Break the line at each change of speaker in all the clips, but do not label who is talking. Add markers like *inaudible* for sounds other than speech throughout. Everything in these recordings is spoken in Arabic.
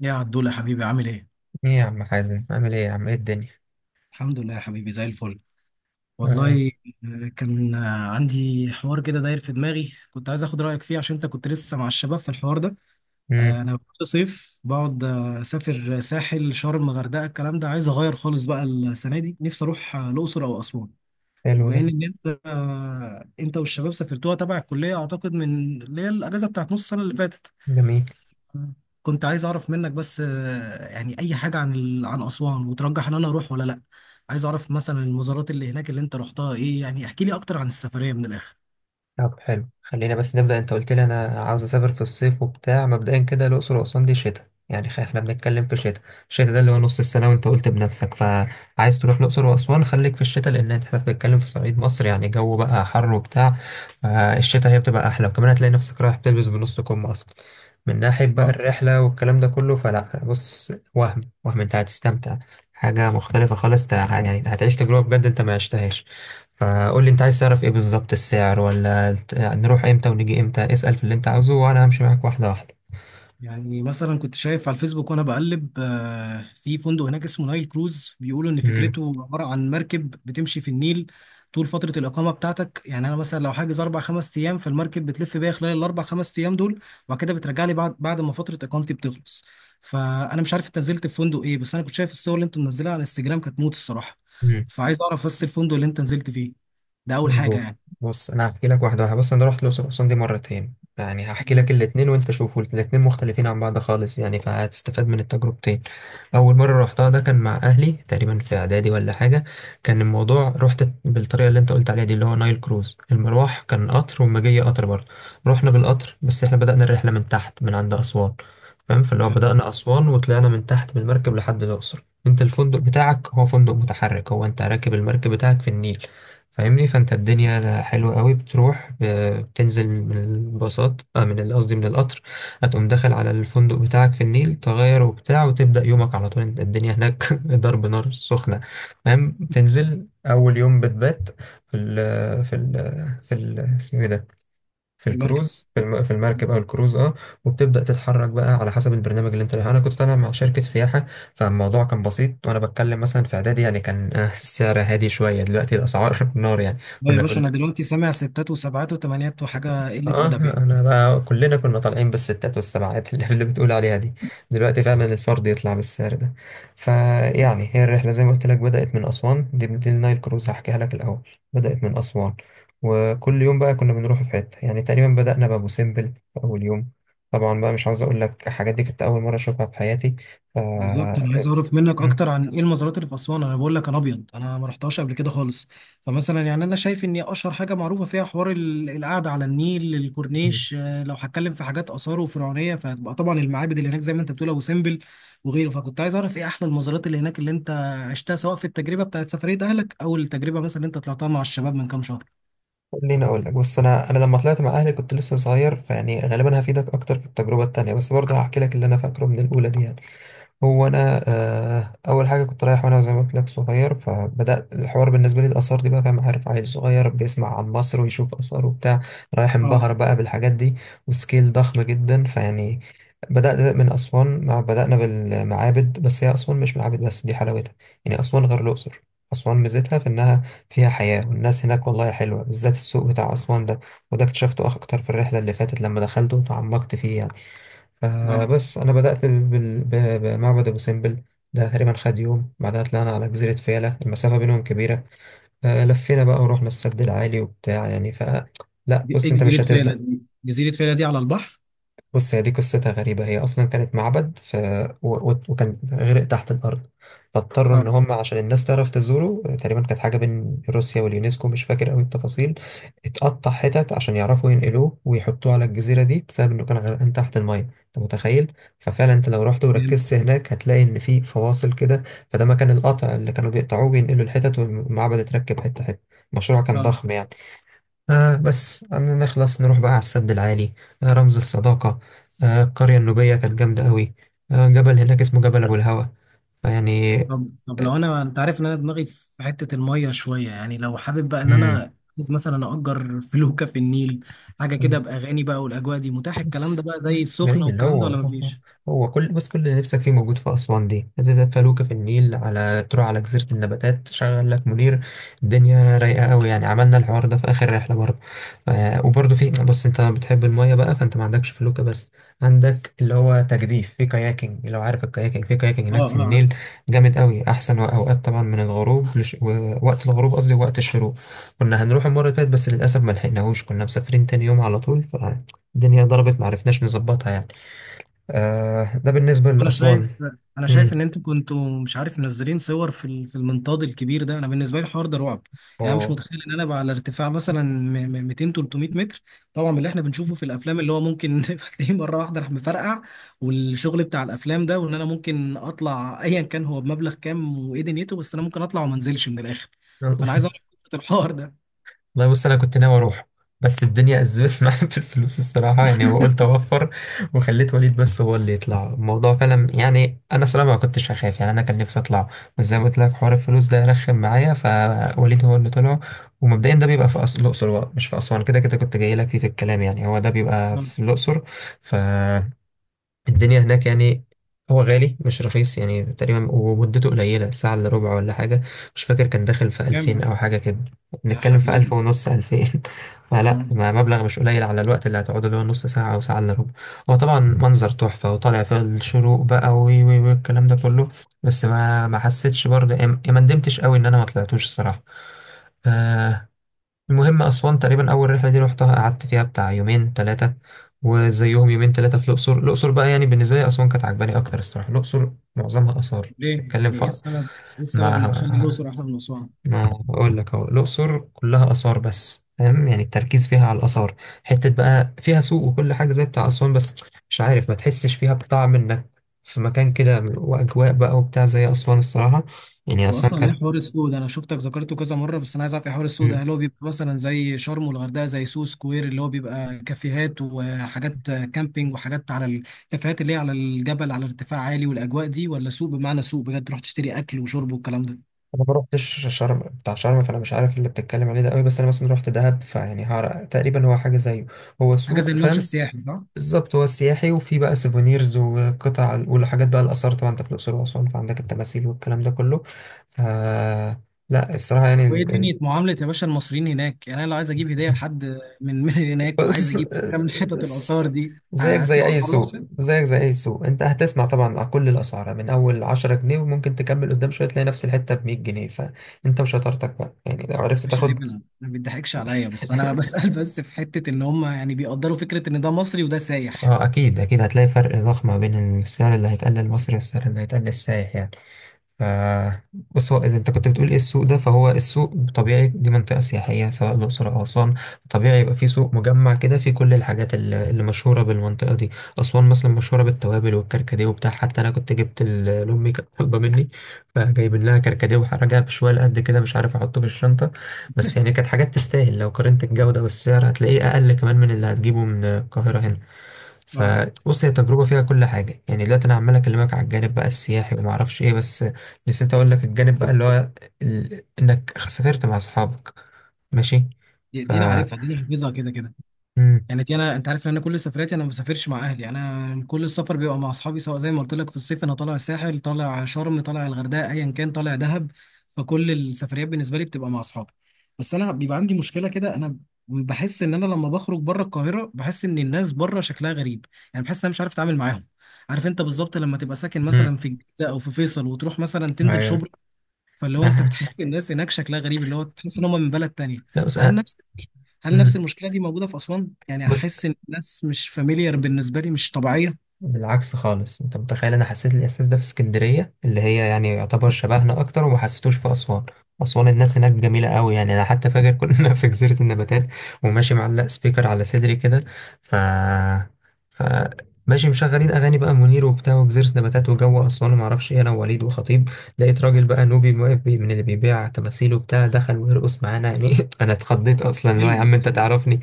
يا عدول يا حبيبي، عامل ايه؟
ايه يا عم حازم، عامل ايه يا عم؟ ايه الدنيا؟
الحمد لله يا حبيبي، زي الفل.
آه.
والله. آه، كان آه، عندي حوار كده داير في دماغي، كنت عايز اخد رايك فيه عشان انت كنت لسه مع الشباب في الحوار ده.
امم.
انا كل صيف بقعد اسافر ساحل شرم غردقه الكلام ده، عايز اغير خالص بقى. السنه دي نفسي اروح الاقصر او اسوان.
حلو
وبما
ده.
ان انت والشباب سافرتوها تبع الكليه، اعتقد من اللي هي الاجازه بتاعت نص السنه اللي فاتت،
جميل.
كنت عايز اعرف منك بس يعني اي حاجه عن اسوان، وترجح ان انا اروح ولا لا. عايز اعرف مثلا المزارات اللي هناك اللي انت رحتها ايه، يعني احكي لي اكتر عن السفريه من الاخر.
طب حلو، خلينا بس نبدأ. انت قلت لي انا عاوز اسافر في الصيف وبتاع، مبدئيا كده الاقصر واسوان دي شتاء يعني، احنا بنتكلم في شتاء. الشتاء ده اللي هو نص السنة، وانت قلت بنفسك، فعايز تروح الاقصر واسوان خليك في الشتاء، لان انت بتتكلم في صعيد مصر يعني، جو بقى حر وبتاع. فالشتاء هي بتبقى احلى، وكمان هتلاقي نفسك رايح بتلبس بنص كم اصلا. من ناحية بقى الرحلة والكلام ده كله، فلا بص، وهم وهم انت هتستمتع. حاجة مختلفة خالص، يعني هتعيش تجربة بجد انت ما عشتهاش. فقول لي انت عايز تعرف ايه بالظبط، السعر ولا نروح امتى ونيجي امتى. اسأل في اللي انت عاوزه وانا همشي معاك واحدة واحدة.
يعني مثلا كنت شايف على الفيسبوك وانا بقلب في فندق هناك اسمه نايل كروز، بيقولوا ان
مم.
فكرته عباره عن مركب بتمشي في النيل طول فتره الاقامه بتاعتك. يعني انا مثلا لو حاجز اربع خمس ايام، فالمركب بتلف بيا خلال الاربع خمس ايام دول، وبعد كده بترجع لي بعد ما فتره اقامتي بتخلص. فانا مش عارف انت نزلت في فندق ايه، بس انا كنت شايف الصور اللي انت منزلها على الانستجرام، كانت موت الصراحه.
مم.
فعايز اعرف بس الفندق اللي انت نزلت فيه. ده اول حاجه
مظبوط.
يعني.
بص انا هحكي لك واحده واحده. بص انا رحت الاقصر واسوان دي مرتين، يعني هحكي لك
تمام.
الاتنين وانت شوفوا، الاتنين مختلفين عن بعض خالص يعني، فهتستفاد من التجربتين. اول مره رحتها ده كان مع اهلي تقريبا في اعدادي ولا حاجه. كان الموضوع رحت بالطريقه اللي انت قلت عليها دي، اللي هو نايل كروز. المروح كان قطر والما جاي قطر برضه. رحنا بالقطر، بس احنا بدأنا الرحله من تحت من عند اسوان. فاهم؟ فاللي هو
تمام.
بدأنا اسوان وطلعنا من تحت بالمركب لحد الاقصر. انت الفندق بتاعك هو فندق متحرك، هو انت راكب المركب بتاعك في النيل. فاهمني؟ فانت الدنيا حلوة قوي، بتروح بتنزل من الباصات، من قصدي من القطر. هتقوم داخل على الفندق بتاعك في النيل، تغير وبتاع، وتبدأ يومك على طول. انت الدنيا هناك *laughs* ضرب نار سخنة. فاهم؟ تنزل أول يوم بتبات في ال اسمه ايه ده، في
في المركب.
الكروز، في المركب او الكروز اه. وبتبدا تتحرك بقى على حسب البرنامج اللي انت رايح. انا كنت طالع مع شركه سياحه، فالموضوع كان بسيط. وانا بتكلم مثلا في اعدادي يعني، كان السعر هادي شويه. دلوقتي الاسعار *laughs* نار يعني.
لا يا
كنا
باشا، انا
كلنا
دلوقتي سامع ستات وسبعات وثمانيات وحاجه قله
اه
ادب يعني.
انا بقى، كلنا كنا طالعين بالستات والسبعات اللي بتقول عليها دي. دلوقتي فعلا الفرد يطلع بالسعر ده. فيعني هي الرحله زي ما قلت لك بدات من اسوان، دي النايل كروز هحكيها لك الاول. بدات من اسوان، وكل يوم بقى كنا بنروح في حته يعني. تقريبا بدانا بابو سمبل في اول يوم. طبعا بقى مش عاوز اقول لك، الحاجات دي كنت اول مره اشوفها في حياتي. ف
بالظبط، انا عايز اعرف منك
مم.
اكتر عن ايه المزارات اللي في اسوان. انا بقول لك انا ابيض، انا ما رحتهاش قبل كده خالص. فمثلا يعني انا شايف ان اشهر حاجه معروفه فيها حوار القعده على النيل، الكورنيش. لو هتكلم في حاجات اثار وفرعونيه، فهتبقى طبعا المعابد اللي هناك زي ما انت بتقول ابو سمبل وغيره. فكنت عايز اعرف ايه احلى المزارات اللي هناك اللي انت عشتها، سواء في التجربه بتاعت سفريه اهلك، او التجربه مثلا اللي انت طلعتها مع الشباب من كام شهر.
خليني اقول لك، بص انا لما طلعت مع اهلي كنت لسه صغير، فيعني غالبا هفيدك اكتر في التجربه التانيه، بس برضه هحكي لك اللي انا فاكره من الاولى دي يعني. هو انا اول حاجه كنت رايح، وانا زي ما قلت لك صغير، فبدات الحوار بالنسبه لي الاثار دي بقى. فاهم؟ عارف عيل صغير بيسمع عن مصر ويشوف اثار وبتاع، رايح
اه.
انبهر بقى بالحاجات دي. وسكيل ضخم جدا فيعني. بدات من اسوان، مع بدانا بالمعابد. بس هي اسوان مش معابد بس، دي حلاوتها. يعني اسوان غير الاقصر. اسوان ميزتها في انها فيها حياه، والناس هناك والله حلوه، بالذات السوق بتاع اسوان ده. وده اكتشفته اكتر في الرحله اللي فاتت لما دخلت وتعمقت فيه يعني.
اه.
فبس أنا بدأت بمعبد أبو سمبل. ده تقريبا خد يوم. بعدها طلعنا على جزيرة فيلة، المسافة بينهم كبيرة. لفينا بقى ورحنا السد العالي وبتاع يعني. لا
ايه
بص أنت مش
جزيره فيلا
هتزهق.
دي؟ جزيره فيلا دي على البحر؟
بص هي دي قصتها غريبة، هي أصلا كانت معبد وكان غرق تحت الأرض. فاضطروا
اه.
إن هم عشان الناس تعرف تزوره، تقريبا كانت حاجة بين روسيا واليونسكو، مش فاكر أوي التفاصيل، اتقطع حتت عشان يعرفوا ينقلوه ويحطوه على الجزيرة دي، بسبب إنه كان غرقان تحت المية. أنت متخيل؟ ففعلا أنت لو رحت
جامد.
وركزت هناك هتلاقي إن في فواصل كده، فده مكان القطع اللي كانوا بيقطعوه بينقلوا الحتت. والمعبد اتركب حتة حتة. المشروع كان
اه.
ضخم يعني. بس عندنا نخلص، نروح بقى على السد العالي، رمز الصداقة، القرية النوبية كانت جامدة قوي، جبل هناك اسمه جبل أبو الهوى. فيعني
طب، طب لو انا، انت عارف ان انا دماغي في حته الميه شويه، يعني لو حابب بقى ان
آه،
انا عايز مثلا اجر *laughs* فلوكه في النيل، حاجه كده
مم.
باغاني بقى، والاجواء دي متاح الكلام ده
بس
بقى زي السخنه
جميل اللي
والكلام ده
هو،
ولا مفيش؟
هو كل بس كل اللي نفسك فيه موجود في أسوان. دي هتبقى فلوكة في النيل، على تروح على جزيرة النباتات، شغل لك منير، الدنيا رايقة قوي يعني. عملنا الحوار ده في آخر رحلة برضه. وبرضه في، بس أنت بتحب المية بقى فأنت ما عندكش فلوكة بس، عندك اللي هو تجديف في كاياكينج. لو عارف الكاياكينج، في كاياكينج
اه.
هناك في
اه.
النيل جامد قوي. أحسن أوقات طبعا من الغروب وقت الغروب قصدي، وقت الشروق. كنا هنروح المرة اللي فاتت بس للأسف ما لحقناهوش، كنا مسافرين تاني يوم على طول. الدنيا ضربت معرفناش نظبطها يعني. ده بالنسبة
انا شايف
لأسوان.
انا
مم.
شايف ان انتوا كنتوا مش عارف منزلين صور في في المنطاد الكبير ده، انا بالنسبه لي الحوار ده رعب. يعني انا مش
اه.
متخيل ان انا بقى على ارتفاع مثلا 200 300 متر. طبعا من اللي احنا بنشوفه في الافلام، اللي هو ممكن *laughs* تلاقيه مره واحده راح مفرقع، والشغل بتاع الافلام ده، وان انا ممكن اطلع *laughs* ايا كان هو بمبلغ كام وايه دنيته، بس انا ممكن اطلع وما انزلش من الاخر. فانا عايز اعرف قصة الحوار ده.
والله بص أنا كنت ناوي أروح، بس الدنيا أزمت *laughs* معايا في الفلوس الصراحة يعني، وقلت أوفر وخليت وليد بس هو اللي يطلع الموضوع فعلا يعني. أنا صراحة ما كنتش هخاف يعني، أنا كان نفسي أطلع. بس زي ما قلت لك، حوار الفلوس ده رخم معايا، فوليد هو اللي طلع. ومبدئيا ده بيبقى في الأقصر بقى مش في أسوان. كده كده كنت جاي لك فيه في الكلام يعني، هو ده بيبقى
آه،
في الأقصر. ف الدنيا هناك يعني، هو غالي مش رخيص يعني. تقريبا ومدته قليلة، ساعة إلا ربع ولا حاجة. مش فاكر كان داخل في
كام
2000
مثلا؟
أو حاجة كده.
يا
بنتكلم في ألف
حبيبي.
ونص 2000. *laughs* فلا،
آه.
ما مبلغ مش قليل على الوقت اللي هتقعده، اللي هو نص ساعة أو ساعة إلا ربع. هو طبعا منظر تحفة، وطالع في الشروق بقى، وي وي وي، الكلام ده كله. بس ما ما حسيتش برضه يعني، ما ندمتش قوي إن أنا ما طلعتوش الصراحة. آه، المهم أسوان تقريبا، أول رحلة دي روحتها قعدت فيها بتاع يومين تلاتة، وزيهم يومين تلاتة في الأقصر. الأقصر بقى يعني، بالنسبة لي أسوان كانت عجباني أكتر الصراحة. الأقصر معظمها آثار،
ليه
تتكلم
يعني،
في
ايه السبب ان تخلي
ما
الاقصر احلى من اسوان؟
ما أقول لك أهو، الأقصر كلها آثار بس فاهم، يعني التركيز فيها على الآثار. حتة بقى فيها سوق وكل حاجة زي بتاع أسوان، بس مش عارف، ما تحسش فيها بطعم إنك في مكان كده وأجواء بقى وبتاع زي أسوان الصراحة. يعني أسوان
واصلا ايه
كانت.
حوار السوق ده؟ انا شفتك ذكرته كذا مره، بس انا عايز اعرف ايه حوار السوق ده، هل هو بيبقى مثلا زي شرم والغردقه، زي سو سكوير اللي هو بيبقى كافيهات وحاجات كامبينج، وحاجات على الكافيهات اللي هي على الجبل على ارتفاع عالي والاجواء دي، ولا سوق بمعنى سوق بجد تروح تشتري اكل وشرب والكلام ده؟
انا ما روحتش شرم، بتاع شرم فانا مش عارف اللي بتتكلم عليه ده قوي. بس انا مثلا روحت دهب، فيعني تقريبا هو حاجه زيه. هو
حاجه زي
سوق فاهم.
الممشى السياحي، صح؟
بالظبط، هو سياحي، وفي بقى سيفونيرز وقطع والحاجات. بقى الاثار طبعا، انت في الاقصر واسوان فعندك التماثيل والكلام ده كله. ف لا الصراحه يعني
وايه دنيا معامله يا باشا المصريين هناك؟ يعني انا لو عايز اجيب هديه لحد من
*laughs*
هناك، وعايز
بص،
اجيب حاجه من حتت الاثار دي، اسمع اثار.
زيك زي اي سوق. انت هتسمع طبعا على كل الاسعار، من اول 10 جنيه وممكن تكمل قدام شويه تلاقي نفس الحته ب 100 جنيه، فانت وشطارتك بقى يعني لو عرفت
مش عيب،
تاخد.
انا ما بيضحكش عليا بس انا بسأل *laughs* بس في حتة ان هم يعني بيقدروا فكرة ان ده مصري وده سايح.
اه، اكيد اكيد، هتلاقي فرق ضخم ما بين السعر اللي هيتقال للمصري والسعر اللي هيتقال للسائح يعني. ف بص، هو اذا انت كنت بتقول ايه السوق ده، فهو السوق طبيعي. دي منطقه سياحيه سواء الاقصر او اسوان، طبيعي يبقى في سوق مجمع كده فيه كل الحاجات اللي مشهوره بالمنطقه دي. اسوان مثلا مشهوره بالتوابل والكركديه وبتاع. حتى انا كنت جبت لامي كانت طالبه مني، فجايبين لها كركديه وراجع بشويه قد كده، مش عارف احطه في الشنطه. بس يعني كانت حاجات تستاهل، لو قارنت الجوده والسعر هتلاقيه اقل كمان من اللي هتجيبه من القاهره هنا.
اه.
فبص، هي تجربة فيها كل حاجة يعني. دلوقتي أنا عمال أكلمك على الجانب بقى السياحي وما أعرفش إيه، بس نسيت أقول لك الجانب بقى اللي هو إنك سافرت مع أصحابك. ماشي.
دي
ف
دي انا عارفها، دي انا حافظها كده كده.
مم.
يعني دي، انا انت عارف ان انا كل سفرياتي، انا ما بسافرش مع اهلي. يعني انا كل السفر بيبقى مع اصحابي، سواء زي ما قلت لك في الصيف انا طالع الساحل، طالع شرم، طالع الغردقه، ايا كان طالع دهب. فكل السفريات بالنسبه لي بتبقى مع اصحابي. بس انا بيبقى عندي مشكله كده. انا بحس ان انا لما بخرج بره القاهره، بحس ان الناس بره شكلها غريب. يعني بحس ان انا مش عارف اتعامل معاهم. عارف انت بالظبط لما تبقى ساكن
امم.
مثلا في الجيزه او في فيصل، وتروح مثلا تنزل
ايوه.
شبرا، فاللي هو انت
أها.
بتحس إن الناس هناك شكلها غريب، اللي هو تحس ان هم من بلد تانية.
لا بس
فهل
أنا.
نفس هل نفس
مم.
المشكله دي موجوده في اسوان؟ يعني
بص،
هحس ان الناس مش فاميليار بالنسبه لي، مش طبيعيه.
بالعكس خالص، انت متخيل، انا حسيت الاحساس ده في اسكندريه اللي هي يعني يعتبر شبهنا اكتر، وما حسيتوش في اسوان. اسوان الناس هناك جميله قوي يعني. انا حتى فاكر كنا *laughs* في جزيره النباتات، وماشي معلق سبيكر على صدري كده. ف ف ماشي مشغلين اغاني بقى منير وبتاع، وجزيره نباتات وجو اسوان وما اعرفش ايه، انا ووليد وخطيب. لقيت راجل بقى نوبي واقف من اللي بيبيع تماثيل وبتاع، دخل ويرقص معانا يعني. *laughs* انا اتخضيت اصلا، اللي هو يا
حلو.
عم انت
حلو.
تعرفني.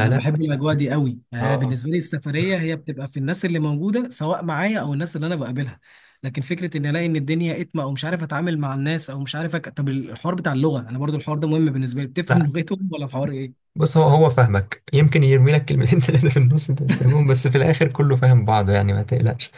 انا بحب الاجواء دي قوي. يعني أنا
اه.
بالنسبه لي السفريه هي بتبقى في الناس اللي موجوده، سواء معايا او الناس اللي انا بقابلها. لكن فكره ان الاقي ان الدنيا اتمه، او مش عارف اتعامل مع الناس، او مش عارف طب الحوار بتاع اللغه، انا برضو الحوار ده مهم بالنسبه لي، بتفهم
لا
لغتهم ولا الحوار ايه؟
بص، هو هو فاهمك، يمكن يرمي لك كلمتين *laughs* ثلاثة في النص انت مش فاهمهم، بس في الآخر كله فاهم بعضه يعني، ما تقلقش.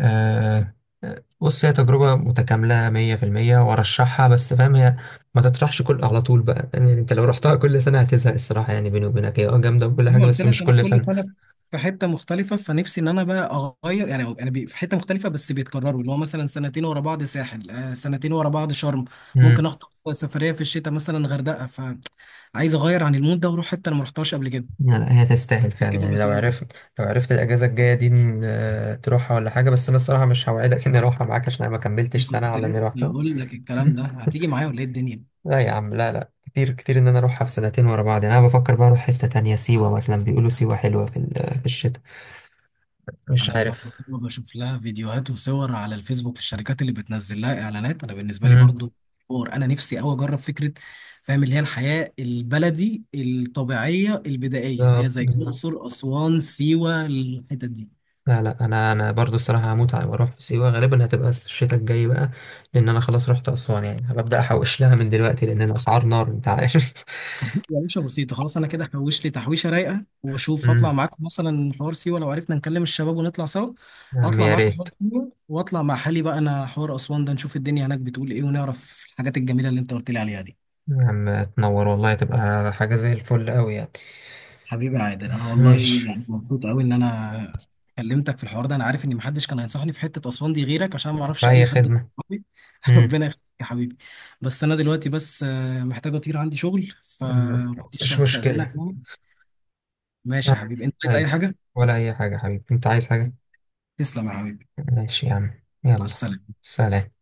آه. بص هي تجربة متكاملة 100% وأرشحها، بس فاهم، هي ما تطرحش كل على طول بقى يعني. أنت لو رحتها كل سنة هتزهق الصراحة يعني، بيني وبينك هي جامدة وكل
زي ما
حاجة،
قلت
بس
لك
مش
انا
كل
كل
سنة.
سنه في حته مختلفه، فنفسي ان انا بقى اغير. يعني انا في حته مختلفه، بس بيتكرروا، اللي هو مثلا سنتين ورا بعض ساحل، سنتين ورا بعض شرم.
امم.
ممكن اخطف سفريه في الشتاء مثلا غردقه، فعايز اغير عن المود ده واروح حته انا ما رحتهاش قبل كده.
لا لا، هي تستاهل
عشان
فعلا
كده
يعني لو
بسالك.
عرفت، لو عرفت الأجازة الجاية دي إن، تروحها ولا حاجة. بس أنا الصراحة مش هوعدك إني أروحها معاك عشان أنا ما كملتش
إيه،
سنة
كنت
على إني
لسه
روحتها.
بقول لك الكلام ده،
*laughs*
هتيجي معايا ولا ايه الدنيا؟
لا يا عم، لا لا كتير كتير ان انا اروحها في سنتين ورا بعض يعني. انا بفكر بقى اروح حتة تانية سيوة مثلا، بيقولوا سيوة حلوة في في الشتاء، مش
انا
عارف.
برضه بتبقى بشوف لها فيديوهات وصور على الفيسبوك للشركات اللي بتنزل لها اعلانات. انا بالنسبه لي
امم.
برضه حوار، انا نفسي قوي اجرب فكره، فاهم، اللي هي الحياه البلدي الطبيعيه البدائيه اللي هي
بالظبط
زي
بالظبط.
الاقصر، اسوان، سيوه، الحتت دي.
لا لا، انا برضو الصراحة هموت واروح في سيوة، غالبا هتبقى الشتاء الجاي بقى، لان انا خلاص رحت اسوان. يعني هبدأ احوش لها من دلوقتي، لان الاسعار نار انت عارف. *laughs*
*laughs* يا باشا بسيطه، خلاص انا كده هحوش لي تحويشه رايقه واشوف اطلع
امم.
معاكم مثلا حوار سيوه لو عرفنا نكلم الشباب ونطلع سوا.
يا عم
اطلع
يا
معاكم
ريت.
حوار سيوه، واطلع مع حالي بقى انا حوار اسوان ده، نشوف الدنيا هناك بتقول ايه، ونعرف الحاجات الجميله اللي انت قلت لي عليها دي.
يا عم تنور والله، تبقى حاجة زي الفل قوي يعني.
حبيبي يا عادل، انا والله
ماشي.
يعني مبسوط قوي ان انا كلمتك في الحوار ده. انا عارف ان محدش كان هينصحني في حته اسوان دي غيرك، عشان ما اعرفش اي
بأي
حد من
خدمة.
صحابي. *laughs*
امم.
ربنا يخليك يا حبيبي. بس انا دلوقتي بس محتاج اطير، عندي شغل، فمعلش
مش
هستأذنك
مشكلة.
يعني. ماشي يا
عادي.
حبيبي، انت عايز اي
عادي.
حاجه؟
ولا أي حاجة حبيبي، أنت عايز حاجة؟
تسلم يا حبيبي.
ماشي يا عم،
مع
يلا.
السلامه.
سلام.